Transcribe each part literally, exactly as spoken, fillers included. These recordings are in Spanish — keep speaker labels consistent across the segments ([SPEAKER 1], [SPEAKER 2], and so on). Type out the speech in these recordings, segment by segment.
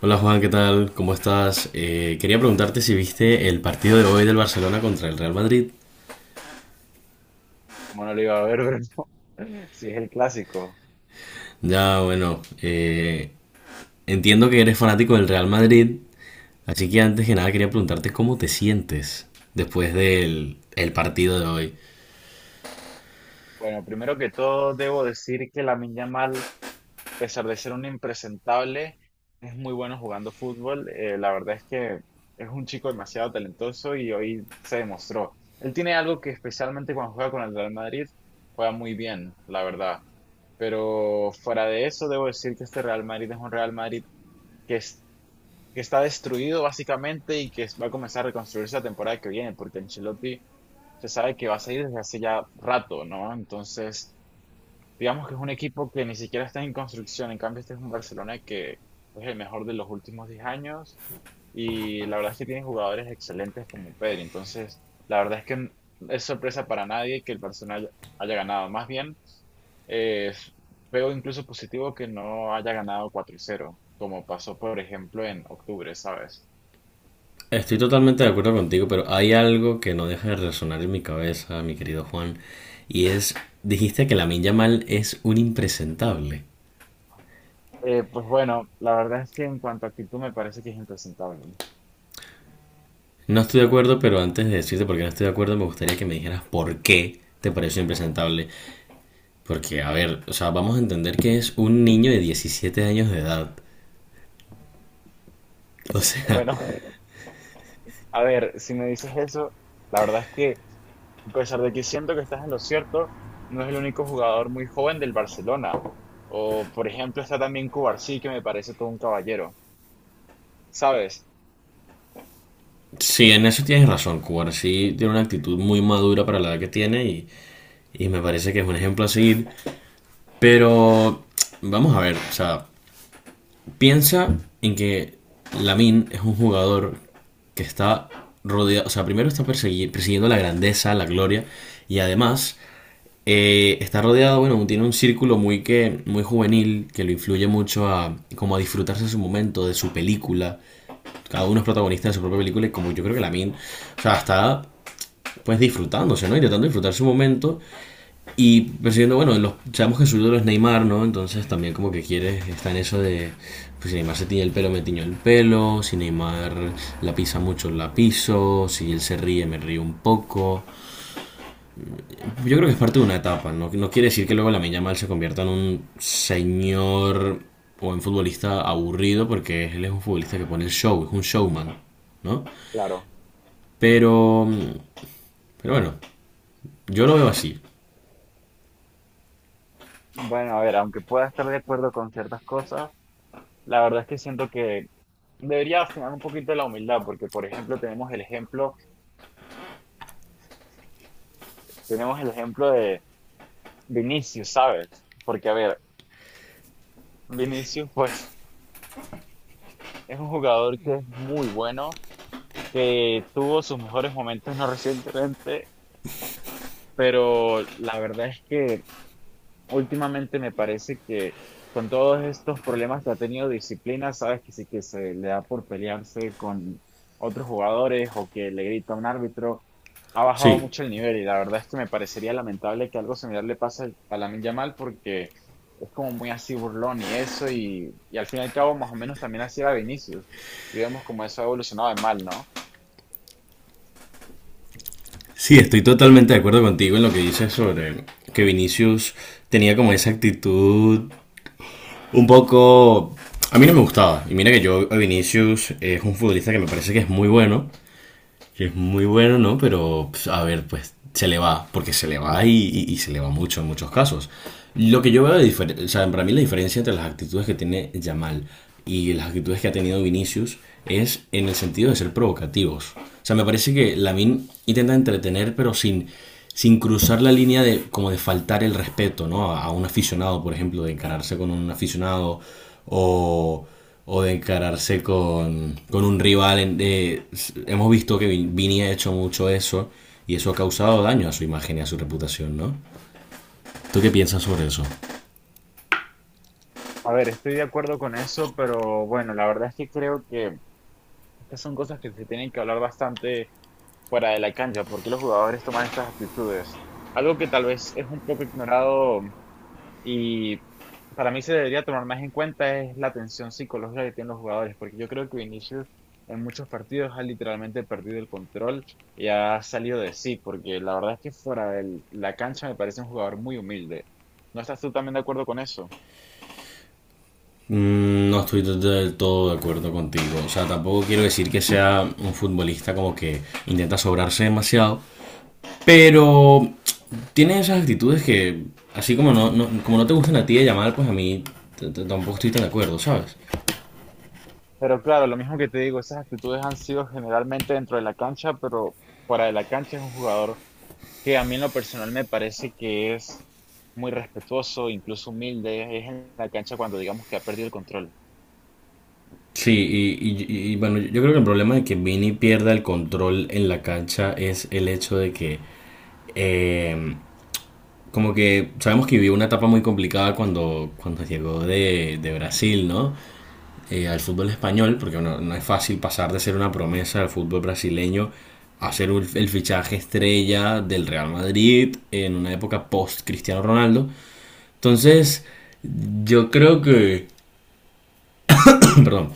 [SPEAKER 1] Hola Juan, ¿qué tal? ¿Cómo estás? Eh, quería preguntarte si viste el partido de hoy del Barcelona contra el Real Madrid.
[SPEAKER 2] Como no lo iba a ver, bro? Sí, es el clásico.
[SPEAKER 1] Ya, bueno, eh, entiendo que eres fanático del Real Madrid, así que antes que nada quería preguntarte cómo te sientes después del el partido de hoy.
[SPEAKER 2] Bueno, primero que todo, debo decir que la Yamal, a pesar de ser un impresentable, es muy bueno jugando fútbol. Eh, la verdad es que es un chico demasiado talentoso y hoy se demostró. Él tiene algo que, especialmente cuando juega con el Real Madrid, juega muy bien, la verdad. Pero fuera de eso, debo decir que este Real Madrid es un Real Madrid que, es- que está destruido básicamente y que va a comenzar a reconstruirse la temporada que viene, porque Ancelotti se sabe que va a salir desde hace ya rato, ¿no? Entonces, digamos que es un equipo que ni siquiera está en construcción. En cambio, este es un Barcelona que es el mejor de los últimos diez años, y la verdad es que tiene jugadores excelentes como Pedri. Entonces, la verdad es que n- es sorpresa para nadie que el Barcelona haya, haya ganado. Más bien, eh, s- veo incluso positivo que no haya ganado cuatro cero, como pasó por ejemplo en octubre, ¿sabes?
[SPEAKER 1] Estoy totalmente de acuerdo contigo, pero hay algo que no deja de resonar en mi cabeza, mi querido Juan, y es, dijiste que la Yamal es un impresentable.
[SPEAKER 2] Eh, pues bueno, la verdad es que en cuanto a actitud me parece que es impresentable.
[SPEAKER 1] No estoy de acuerdo, pero antes de decirte por qué no estoy de acuerdo, me gustaría que me dijeras por qué te pareció impresentable. Porque, a ver, o sea, vamos a entender que es un niño de diecisiete años de edad. O sea,
[SPEAKER 2] Bueno, a ver, si me dices eso, la verdad es que, a pesar de que siento que estás en lo cierto, no es el único jugador muy joven del Barcelona. O, por ejemplo, está también Cubarsí, que me parece todo un caballero. ¿Sabes?
[SPEAKER 1] sí, en eso tienes razón, Cubar sí tiene una actitud muy madura para la edad que tiene y, y me parece que es un ejemplo a seguir. Pero, vamos a ver, o sea, piensa en que Lamin es un jugador que está rodeado, o sea, primero está persegui- persiguiendo la grandeza, la gloria, y además eh, está rodeado, bueno, tiene un círculo muy, que, muy juvenil que lo influye mucho a, como a disfrutarse de su momento, de su película. Cada uno es protagonista de su propia película y como yo creo que Lamin, o sea, está pues disfrutándose, ¿no? Intentando disfrutar su momento y persiguiendo, bueno, los, sabemos que su ídolo es Neymar, ¿no? Entonces también como que quiere, está en eso de, pues si Neymar se tiñe el pelo, me tiño el pelo, si Neymar la pisa mucho, la piso, si él se ríe, me río un poco. Yo creo que es parte de una etapa, ¿no? No quiere decir que luego la Yamal se convierta en un señor o en futbolista aburrido, porque él es un futbolista que pone el show, es un showman, ¿no?
[SPEAKER 2] Claro.
[SPEAKER 1] Pero, pero bueno, yo lo veo así.
[SPEAKER 2] Bueno, a ver, aunque pueda estar de acuerdo con ciertas cosas, la verdad es que siento que debería afinar un poquito la humildad, porque, por ejemplo, tenemos el ejemplo, tenemos el ejemplo de Vinicius, ¿sabes? Porque, a ver, Vinicius, pues, es un jugador que es muy bueno, que tuvo sus mejores momentos no recientemente, pero la verdad es que últimamente me parece que, con todos estos problemas que ha tenido disciplina, sabes que sí, que se le da por pelearse con otros jugadores o que le grita a un árbitro, ha bajado
[SPEAKER 1] Sí,
[SPEAKER 2] mucho el nivel. Y la verdad es que me parecería lamentable que algo similar le pase a Lamine Yamal, porque es como muy así, burlón y eso, y, y al fin y al cabo más o menos también así era Vinicius, y vemos cómo eso ha evolucionado de mal, ¿no?
[SPEAKER 1] sí, estoy totalmente de acuerdo contigo en lo que dices sobre que Vinicius tenía como esa actitud un poco... A mí no me gustaba. Y mira que yo, a Vinicius es un futbolista que me parece que es muy bueno, que es muy bueno, ¿no? Pero, pues, a ver, pues se le va, porque se le va y, y- y se le va mucho en muchos casos. Lo que yo veo, de difer- o sea, para mí la diferencia entre las actitudes que tiene Yamal y las actitudes que ha tenido Vinicius es en el sentido de ser provocativos. O sea, me parece que Lamin intenta entretener, pero sin, sin cruzar la línea de como de faltar el respeto, ¿no? A, a un aficionado, por ejemplo, de encararse con un aficionado o o de encararse con, con un rival. Eh, hemos visto que Vin- Vini ha hecho mucho eso y eso ha causado daño a su imagen y a su reputación, ¿no? ¿Tú qué piensas sobre eso?
[SPEAKER 2] A ver, estoy de acuerdo con eso, pero bueno, la verdad es que creo que estas son cosas que se tienen que hablar bastante fuera de la cancha, porque los jugadores toman estas actitudes. Algo que tal vez es un poco ignorado y para mí se debería tomar más en cuenta es la tensión psicológica que tienen los jugadores, porque yo creo que Vinicius en muchos partidos ha literalmente perdido el control y ha salido de sí, porque la verdad es que fuera de la cancha me parece un jugador muy humilde. ¿No estás tú también de acuerdo con eso?
[SPEAKER 1] Mm, No estoy del todo de acuerdo contigo. O sea, tampoco quiero decir que sea un futbolista como que intenta sobrarse demasiado, pero tiene esas actitudes que, así como no, no- como no te gustan a ti de llamar, pues a mí tampoco estoy tan de acuerdo, ¿sabes?
[SPEAKER 2] Pero claro, lo mismo que te digo, esas actitudes han sido generalmente dentro de la cancha, pero fuera de la cancha es un jugador que a mí en lo personal me parece que es muy respetuoso, incluso humilde. Es en la cancha cuando digamos que ha perdido el control.
[SPEAKER 1] Sí, y, y- y- bueno, yo yo creo que el problema de que Vini pierda el control en la cancha es el hecho de que, eh, como que sabemos que vivió una etapa muy complicada cuando, cuando llegó de, de Brasil, ¿no? Eh, al fútbol español, porque bueno, no es fácil pasar de ser una promesa del fútbol brasileño a ser un- el fichaje estrella del Real Madrid en una época post Cristiano Ronaldo. Entonces, yo creo que perdón.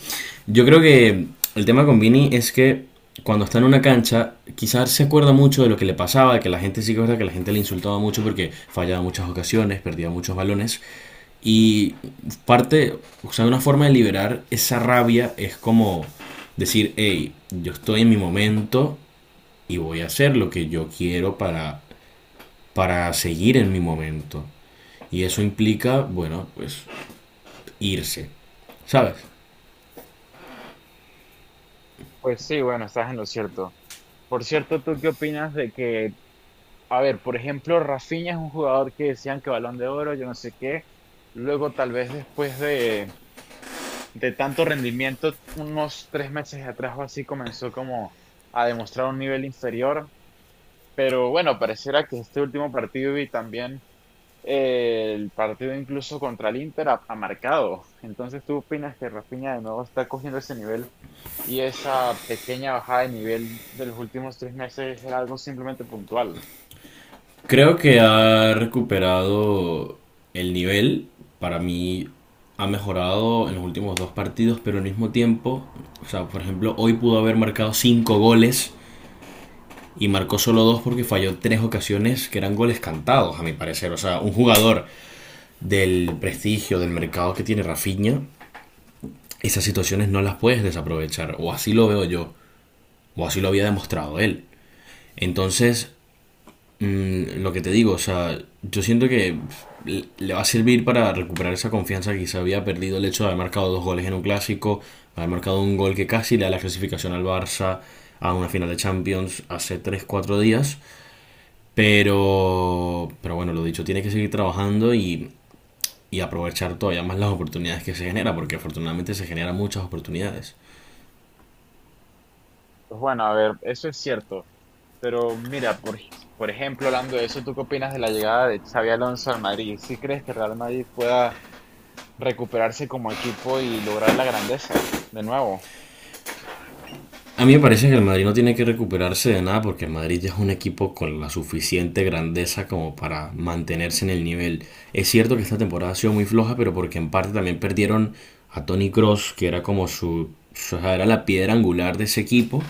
[SPEAKER 1] Yo creo que el tema con Vini es que cuando está en una cancha, quizás se acuerda mucho de lo que le pasaba, de que la gente sí que es verdad que la gente le insultaba mucho porque fallaba muchas ocasiones, perdía muchos balones. Y parte, o sea, una forma de liberar esa rabia es como decir, hey, yo estoy en mi momento y voy a hacer lo que yo quiero para, para seguir en mi momento. Y eso implica, bueno, pues irse, ¿sabes?
[SPEAKER 2] Pues sí, bueno, estás en lo cierto. Por cierto, ¿tú qué opinas de que, a ver, por ejemplo, Rafinha es un jugador que decían que Balón de Oro, yo no sé qué, luego tal vez después de, de tanto rendimiento, unos tres meses atrás o así, comenzó como a demostrar un nivel inferior? Pero bueno, pareciera que este último partido, y también eh, el partido incluso contra el Inter ha, ha marcado. Entonces, ¿tú opinas que Rafinha de nuevo está cogiendo ese nivel y esa pequeña bajada de nivel de los últimos tres meses era algo simplemente puntual?
[SPEAKER 1] Creo que ha recuperado el nivel. Para mí ha mejorado en los últimos dos partidos, pero al mismo tiempo, o sea, por ejemplo, hoy pudo haber marcado cinco goles y marcó solo dos porque falló tres ocasiones que eran goles cantados, a mi parecer. O sea, un jugador del prestigio, del mercado que tiene Rafinha, esas situaciones no las puedes desaprovechar. O así lo veo yo, o así lo había demostrado él. Entonces, Mm, lo que te digo, o sea, yo siento que pf, le va a servir para recuperar esa confianza que se había perdido el hecho de haber marcado dos goles en un clásico, haber marcado un gol que casi le da la clasificación al Barça a una final de Champions hace tres cuatro días. Pero, pero bueno, lo dicho, tiene que seguir trabajando y, y aprovechar todavía más las oportunidades que se genera, porque afortunadamente se generan muchas oportunidades.
[SPEAKER 2] Pues bueno, a ver, eso es cierto. Pero mira, por, ej- por ejemplo, hablando de eso, ¿tú qué opinas de la llegada de Xavi Alonso al Madrid? ¿Sí crees que Real Madrid pueda recuperarse como equipo y lograr la grandeza de nuevo?
[SPEAKER 1] A mí me parece que el Madrid no tiene que recuperarse de nada porque el Madrid ya es un equipo con la suficiente grandeza como para mantenerse en el nivel. Es cierto que esta temporada ha sido muy floja, pero porque en parte también perdieron a Toni Kroos, que era como su, su- era la piedra angular de ese equipo,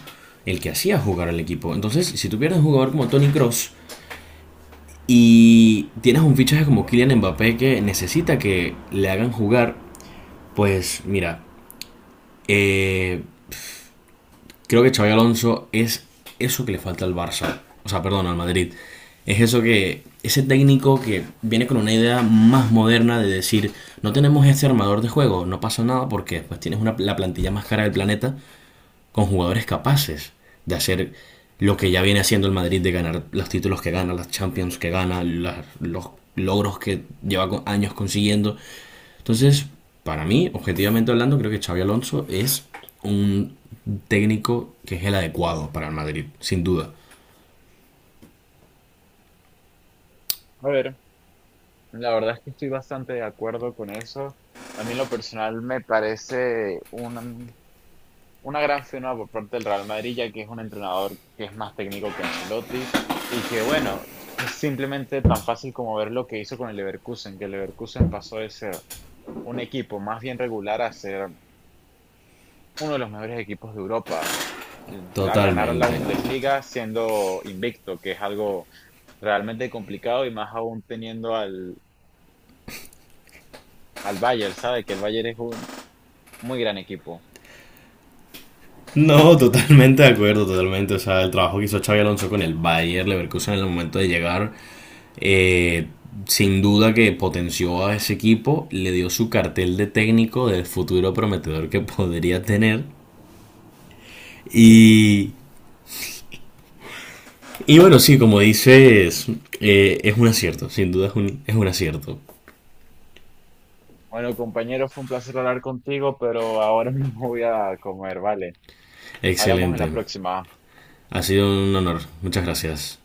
[SPEAKER 1] el que hacía jugar al equipo. Entonces, si tú pierdes un jugador como Toni Kroos y tienes un fichaje como Kylian Mbappé que necesita que le hagan jugar, pues mira, eh, creo que Xabi Alonso es eso que le falta al Barça, o sea, perdón, al Madrid. Es eso que, ese técnico que viene con una idea más moderna de decir, no tenemos este armador de juego, no pasa nada porque pues tienes una, la plantilla más cara del planeta con jugadores capaces de hacer lo que ya viene haciendo el Madrid de ganar los títulos que gana, las Champions que gana, las- los logros que lleva co- años consiguiendo. Entonces, para mí, objetivamente hablando, creo que Xavi Alonso es un técnico que es el adecuado para el Madrid, sin duda.
[SPEAKER 2] A ver. La verdad es que estoy bastante de acuerdo con eso. A mí en lo personal me parece una, una gran firma por parte del Real Madrid, ya que es un entrenador que es más técnico que Ancelotti y que, bueno, es simplemente tan fácil como ver lo que hizo con el Leverkusen, que el Leverkusen pasó de ser un equipo más bien regular a ser uno de los mejores equipos de Europa, mm, a ganar la
[SPEAKER 1] Totalmente.
[SPEAKER 2] Bundesliga siendo invicto, que es algo realmente complicado, y más aún teniendo al, al Bayern, ¿sabe? Que el Bayern es muy gran equipo.
[SPEAKER 1] No, totalmente de acuerdo, totalmente. O sea, el trabajo que hizo Xavi Alonso con el Bayer Leverkusen en el momento de llegar, eh, sin duda que potenció a ese equipo, le dio su cartel de técnico del futuro prometedor que podría tener. Y, y bueno, sí, como dices, eh, es un acierto, sin duda es un, es un acierto.
[SPEAKER 2] Bueno, compañero, fue un placer hablar contigo, pero ahora mismo voy a comer, ¿vale? Hablamos en la
[SPEAKER 1] Excelente.
[SPEAKER 2] próxima.
[SPEAKER 1] Ha sido un honor. Muchas gracias.